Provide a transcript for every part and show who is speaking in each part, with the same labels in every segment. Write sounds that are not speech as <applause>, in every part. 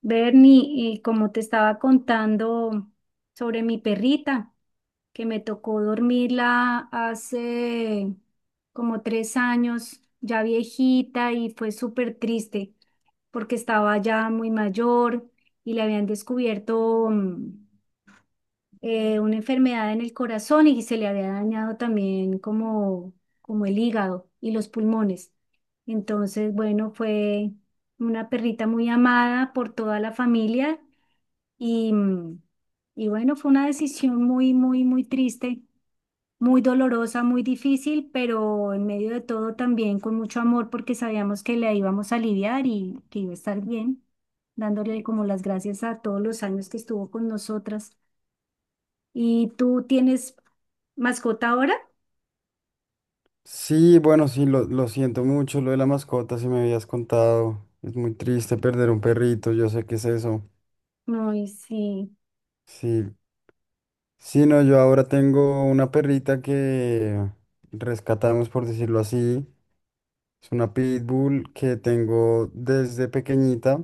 Speaker 1: Bernie, como te estaba contando sobre mi perrita, que me tocó dormirla hace como 3 años, ya viejita, y fue súper triste porque estaba ya muy mayor y le habían descubierto, una enfermedad en el corazón y se le había dañado también como, como el hígado y los pulmones. Entonces, bueno, fue una perrita muy amada por toda la familia y, mm, y bueno, fue una decisión muy, muy, muy triste, muy dolorosa, muy difícil, pero en medio de todo también con mucho amor porque sabíamos que la íbamos a aliviar y que iba a estar bien, dándole como las gracias a todos los años que estuvo con nosotras. ¿Y tú tienes mascota ahora?
Speaker 2: Sí, bueno, sí, lo siento mucho, lo de la mascota, si me habías contado. Es muy triste perder un perrito, yo sé qué es eso.
Speaker 1: Ay, sí.
Speaker 2: Sí, sí, no, yo ahora tengo una perrita que rescatamos, por decirlo así. Es una pitbull que tengo desde pequeñita,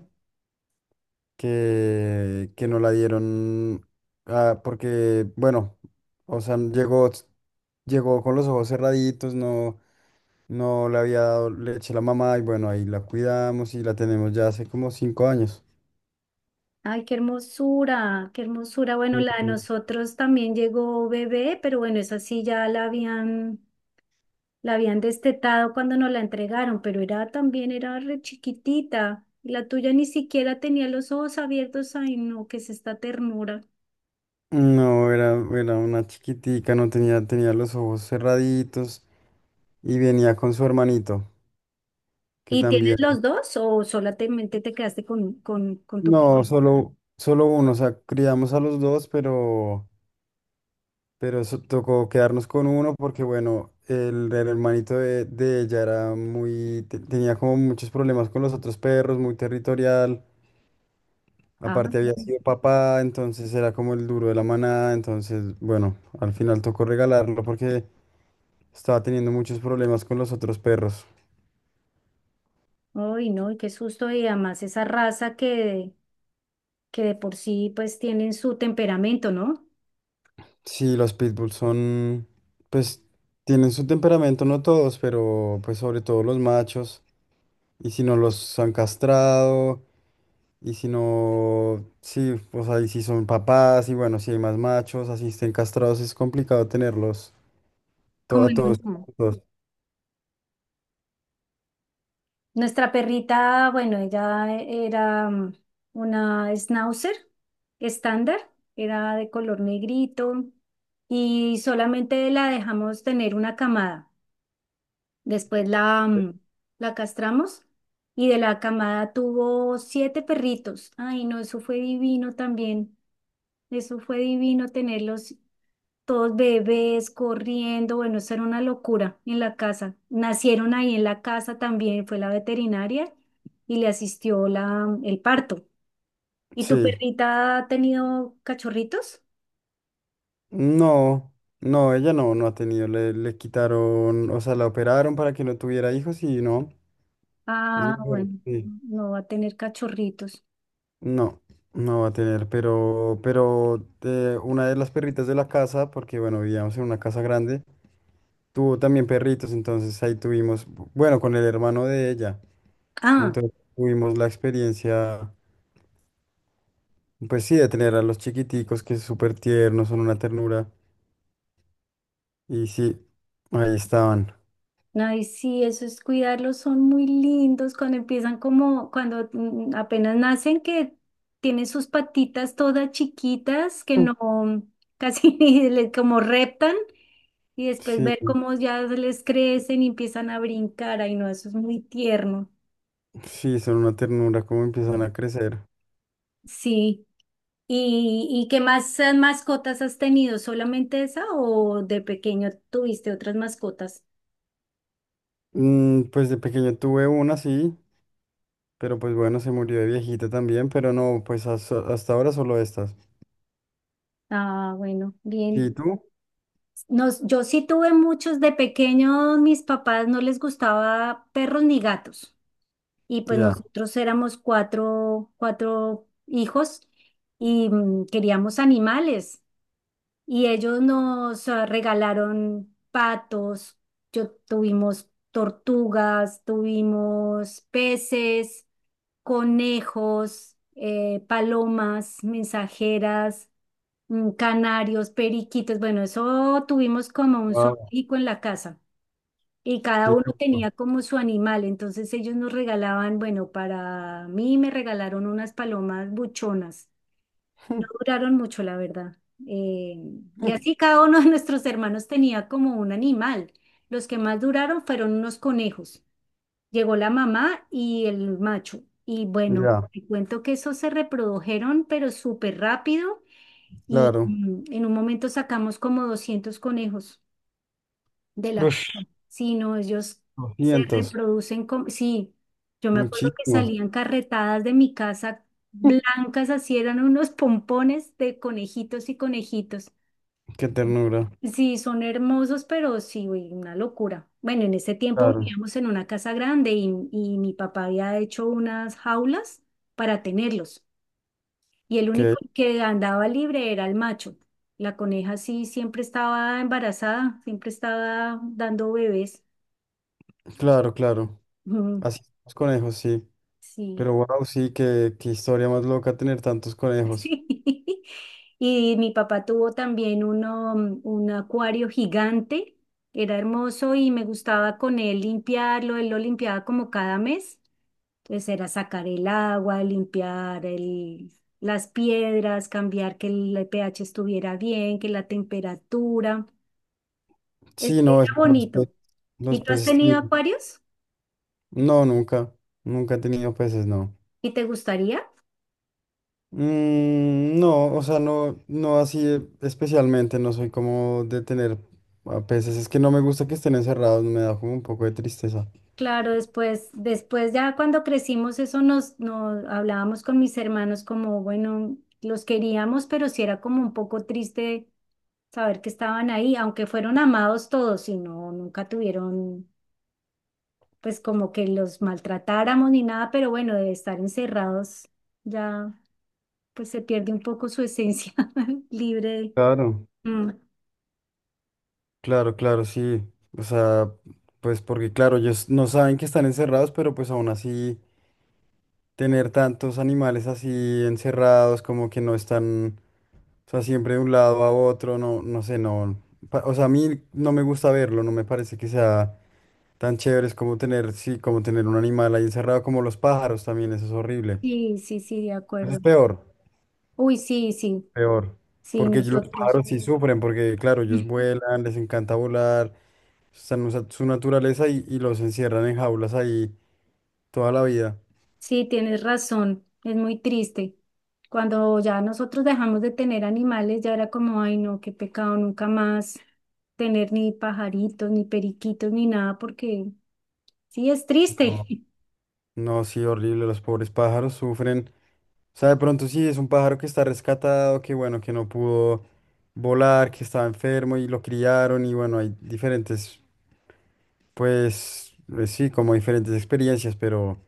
Speaker 2: que nos la dieron porque, bueno, o sea, llegó con los ojos cerraditos, no. No le había dado leche a la mamá y bueno, ahí la cuidamos y la tenemos ya hace como 5 años.
Speaker 1: Ay, qué hermosura, qué hermosura. Bueno, la de
Speaker 2: Ujú.
Speaker 1: nosotros también llegó bebé, pero bueno, esa sí ya la habían destetado cuando nos la entregaron, pero era también, era re chiquitita. La tuya ni siquiera tenía los ojos abiertos. Ay, no, qué es esta ternura.
Speaker 2: No, era una chiquitica, no tenía, tenía los ojos cerraditos y venía con su hermanito, que
Speaker 1: ¿Y tienes
Speaker 2: también.
Speaker 1: los dos o solamente te quedaste con tu
Speaker 2: No,
Speaker 1: perro?
Speaker 2: solo uno, o sea, criamos a los dos, pero eso tocó quedarnos con uno porque, bueno, el hermanito de ella era muy, tenía como muchos problemas con los otros perros, muy territorial.
Speaker 1: Ah,
Speaker 2: Aparte había sido papá, entonces era como el duro de la manada, entonces, bueno, al final tocó regalarlo porque estaba teniendo muchos problemas con los otros perros.
Speaker 1: ay, no, y ¡qué susto! Y además esa raza que de por sí pues tienen su temperamento, ¿no?
Speaker 2: Sí, los pitbulls son, pues, tienen su temperamento, no todos, pero pues sobre todo los machos. Y si no los han castrado, y si no, sí, o sea, y si son papás, y bueno, si hay más machos, así estén castrados, es complicado tenerlos
Speaker 1: Como
Speaker 2: a
Speaker 1: en
Speaker 2: todos
Speaker 1: uno.
Speaker 2: juntos.
Speaker 1: Nuestra perrita, bueno, era una schnauzer estándar, era de color negrito y solamente la dejamos tener una camada. Después la castramos y de la camada tuvo 7 perritos. Ay, no, eso fue divino también. Eso fue divino tenerlos todos bebés corriendo, bueno, eso era una locura en la casa. Nacieron ahí en la casa también, fue la veterinaria y le asistió el parto. ¿Y tu
Speaker 2: Sí.
Speaker 1: perrita ha tenido cachorritos?
Speaker 2: No, no, ella no, no ha tenido, le quitaron, o sea, la operaron para que no tuviera hijos y no, es
Speaker 1: Ah,
Speaker 2: mejor,
Speaker 1: bueno,
Speaker 2: sí.
Speaker 1: no va a tener cachorritos.
Speaker 2: No, no va a tener, pero una de las perritas de la casa, porque bueno, vivíamos en una casa grande, tuvo también perritos, entonces ahí tuvimos, bueno, con el hermano de ella,
Speaker 1: Ah,
Speaker 2: entonces tuvimos la experiencia, pues sí, de tener a los chiquiticos que es súper tiernos, son una ternura, y sí, ahí estaban.
Speaker 1: ay, sí, eso es cuidarlos, son muy lindos cuando empiezan como, cuando apenas nacen, que tienen sus patitas todas chiquitas, que no, mm, casi <laughs> ni como reptan, y después
Speaker 2: Sí.
Speaker 1: ver cómo ya les crecen y empiezan a brincar, ay no, eso es muy tierno.
Speaker 2: Sí, son una ternura, cómo empiezan a crecer.
Speaker 1: Sí. ¿Y, y qué más mascotas has tenido? ¿Solamente esa o de pequeño tuviste otras mascotas?
Speaker 2: Pues de pequeño tuve una, sí, pero pues bueno, se murió de viejita también, pero no, pues hasta ahora solo estas.
Speaker 1: Ah, bueno,
Speaker 2: ¿Y
Speaker 1: bien.
Speaker 2: tú?
Speaker 1: Nos, yo sí tuve muchos de pequeños, mis papás no les gustaba perros ni gatos. Y pues
Speaker 2: Ya.
Speaker 1: nosotros éramos cuatro hijos y queríamos animales. Y ellos nos regalaron patos, yo tuvimos tortugas, tuvimos peces, conejos, palomas, mensajeras, canarios, periquitos, bueno, eso, tuvimos como un
Speaker 2: Wow.
Speaker 1: zoológico en la casa y cada
Speaker 2: Sí,
Speaker 1: uno
Speaker 2: opa.
Speaker 1: tenía como su animal, entonces ellos nos regalaban, bueno, para mí me regalaron unas palomas buchonas, no duraron mucho, la verdad. Eh, y así cada uno de nuestros hermanos tenía como un animal. Los que más duraron fueron unos conejos. Llegó la mamá y el macho. Y bueno,
Speaker 2: Ya,
Speaker 1: te cuento que esos se reprodujeron, pero súper rápido.
Speaker 2: claro.
Speaker 1: En un momento sacamos como 200 conejos de la
Speaker 2: Ush.
Speaker 1: casa. Sí, no, ellos se
Speaker 2: 200,
Speaker 1: reproducen como... Sí, yo me acuerdo que
Speaker 2: muchísimos.
Speaker 1: salían carretadas de mi casa blancas, así eran unos pompones de conejitos y conejitos.
Speaker 2: Qué ternura.
Speaker 1: Sí, son hermosos, pero sí, uy, una locura. Bueno, en ese tiempo
Speaker 2: Claro,
Speaker 1: vivíamos en una casa grande y mi papá había hecho unas jaulas para tenerlos y el
Speaker 2: que,
Speaker 1: único que andaba libre era el macho. La coneja sí siempre estaba embarazada, siempre estaba dando bebés.
Speaker 2: claro, claro.
Speaker 1: Mm,
Speaker 2: Así son los conejos, sí.
Speaker 1: sí,
Speaker 2: Pero wow, sí, qué historia más loca tener tantos conejos.
Speaker 1: <laughs> sí. Y mi papá tuvo también uno, un acuario gigante, era hermoso y me gustaba con él limpiarlo, él lo limpiaba como cada mes. Entonces era sacar el agua, limpiar el, las piedras, cambiar que el pH estuviera bien, que la temperatura. Es,
Speaker 2: Sí, no,
Speaker 1: era bonito.
Speaker 2: los
Speaker 1: ¿Y tú has
Speaker 2: peces
Speaker 1: tenido
Speaker 2: también.
Speaker 1: acuarios?
Speaker 2: No, nunca. Nunca he tenido peces, no.
Speaker 1: ¿Y te gustaría?
Speaker 2: No, o sea, no, no así especialmente, no soy como de tener a peces. Es que no me gusta que estén encerrados, me da como un poco de tristeza.
Speaker 1: Claro, después, después ya cuando crecimos, eso nos, nos hablábamos con mis hermanos como, bueno, los queríamos, pero sí era como un poco triste saber que estaban ahí, aunque fueron amados todos y no, nunca tuvieron, pues como que los maltratáramos ni nada, pero bueno, de estar encerrados ya, pues se pierde un poco su esencia <laughs> libre.
Speaker 2: Claro,
Speaker 1: Mm,
Speaker 2: claro, claro, sí. O sea, pues porque claro, ellos no saben que están encerrados, pero pues aún así tener tantos animales así encerrados, como que no están, o sea, siempre de un lado a otro, no, no sé, no. O sea, a mí no me gusta verlo, no me parece que sea. Tan chévere es como tener, sí, como tener un animal ahí encerrado como los pájaros también, eso es horrible.
Speaker 1: sí, sí, sí, de
Speaker 2: Eso
Speaker 1: acuerdo.
Speaker 2: es peor,
Speaker 1: Uy, sí, sí.
Speaker 2: peor.
Speaker 1: Sí,
Speaker 2: Porque los
Speaker 1: nosotros.
Speaker 2: pájaros sí sufren, porque claro, ellos
Speaker 1: Ujú.
Speaker 2: vuelan, les encanta volar, están en su naturaleza y los encierran en jaulas ahí toda la vida.
Speaker 1: Sí, tienes razón, es muy triste. Cuando ya nosotros dejamos de tener animales, ya era como, ay, no, qué pecado, nunca más tener ni pajaritos, ni periquitos, ni nada, porque sí, es triste.
Speaker 2: No,
Speaker 1: <laughs>
Speaker 2: no, sí, horrible, los pobres pájaros sufren. O sea, de pronto sí, es un pájaro que está rescatado, que bueno, que no pudo volar, que estaba enfermo y lo criaron y bueno, hay diferentes, sí, como diferentes experiencias, pero...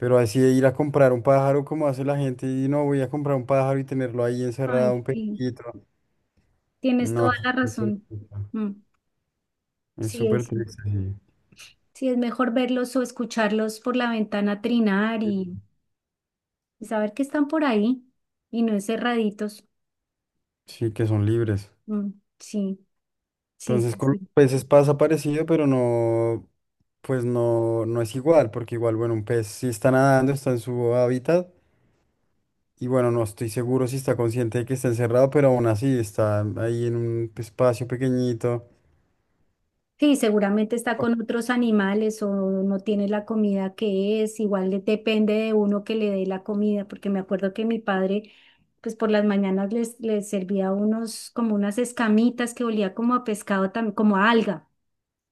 Speaker 2: Pero así de ir a comprar un pájaro como hace la gente y no voy a comprar un pájaro y tenerlo ahí encerrado
Speaker 1: Ay,
Speaker 2: un
Speaker 1: sí,
Speaker 2: poquito.
Speaker 1: tienes
Speaker 2: No,
Speaker 1: toda la
Speaker 2: es súper
Speaker 1: razón.
Speaker 2: triste.
Speaker 1: Mm,
Speaker 2: Es
Speaker 1: sí, ahí
Speaker 2: súper
Speaker 1: sí.
Speaker 2: triste, sí.
Speaker 1: Sí, es mejor verlos o escucharlos por la ventana trinar y saber que están por ahí y no encerraditos.
Speaker 2: Sí, que son libres.
Speaker 1: Mm, sí, sí,
Speaker 2: Entonces
Speaker 1: sí.
Speaker 2: con los
Speaker 1: Sí.
Speaker 2: peces pasa parecido, pero no, pues no, no es igual, porque igual, bueno, un pez sí está nadando, está en su hábitat y bueno, no estoy seguro si está consciente de que está encerrado, pero aún así está ahí en un espacio pequeñito.
Speaker 1: Sí, seguramente está con otros animales o no tiene la comida que es, igual depende de uno que le dé la comida, porque me acuerdo que mi padre, pues por las mañanas les servía unos, como unas escamitas que olía como a pescado, como a alga,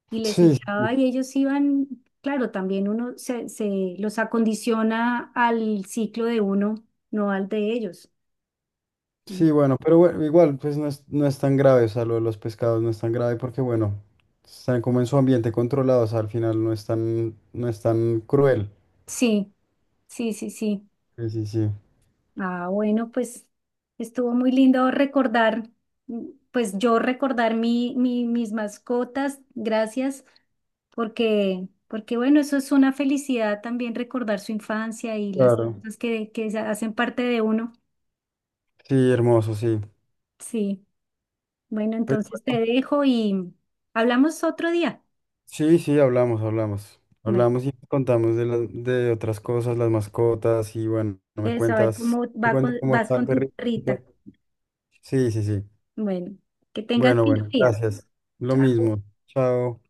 Speaker 1: y les
Speaker 2: Sí,
Speaker 1: echaba y ellos iban, claro, también uno se los acondiciona al ciclo de uno, no al de ellos. Mm.
Speaker 2: sí, bueno, pero bueno, igual pues no es, no es tan grave, o sea, lo de los pescados no es tan grave porque bueno, están como en su ambiente controlado, o sea, al final no es tan, no es tan cruel.
Speaker 1: Sí, sí, sí, sí.
Speaker 2: Sí, sí, sí.
Speaker 1: Ah, bueno, pues estuvo muy lindo recordar, pues yo recordar mis mascotas, gracias, porque, porque bueno, eso es una felicidad también recordar su infancia y las
Speaker 2: Claro.
Speaker 1: cosas que se hacen parte de uno.
Speaker 2: Sí, hermoso, sí.
Speaker 1: Sí, bueno,
Speaker 2: Pues
Speaker 1: entonces te
Speaker 2: bueno,
Speaker 1: dejo y hablamos otro día.
Speaker 2: sí, sí, hablamos, hablamos.
Speaker 1: Bueno,
Speaker 2: Hablamos y contamos de, de otras cosas, las mascotas y bueno, no me
Speaker 1: de saber
Speaker 2: cuentas,
Speaker 1: cómo
Speaker 2: me
Speaker 1: va
Speaker 2: cuentas cómo
Speaker 1: vas
Speaker 2: está el
Speaker 1: con tu
Speaker 2: perrito.
Speaker 1: perrita.
Speaker 2: Sí, sí, sí.
Speaker 1: Bueno, que tengas
Speaker 2: Bueno,
Speaker 1: lindo
Speaker 2: bueno,
Speaker 1: día.
Speaker 2: gracias. Lo mismo. Chao.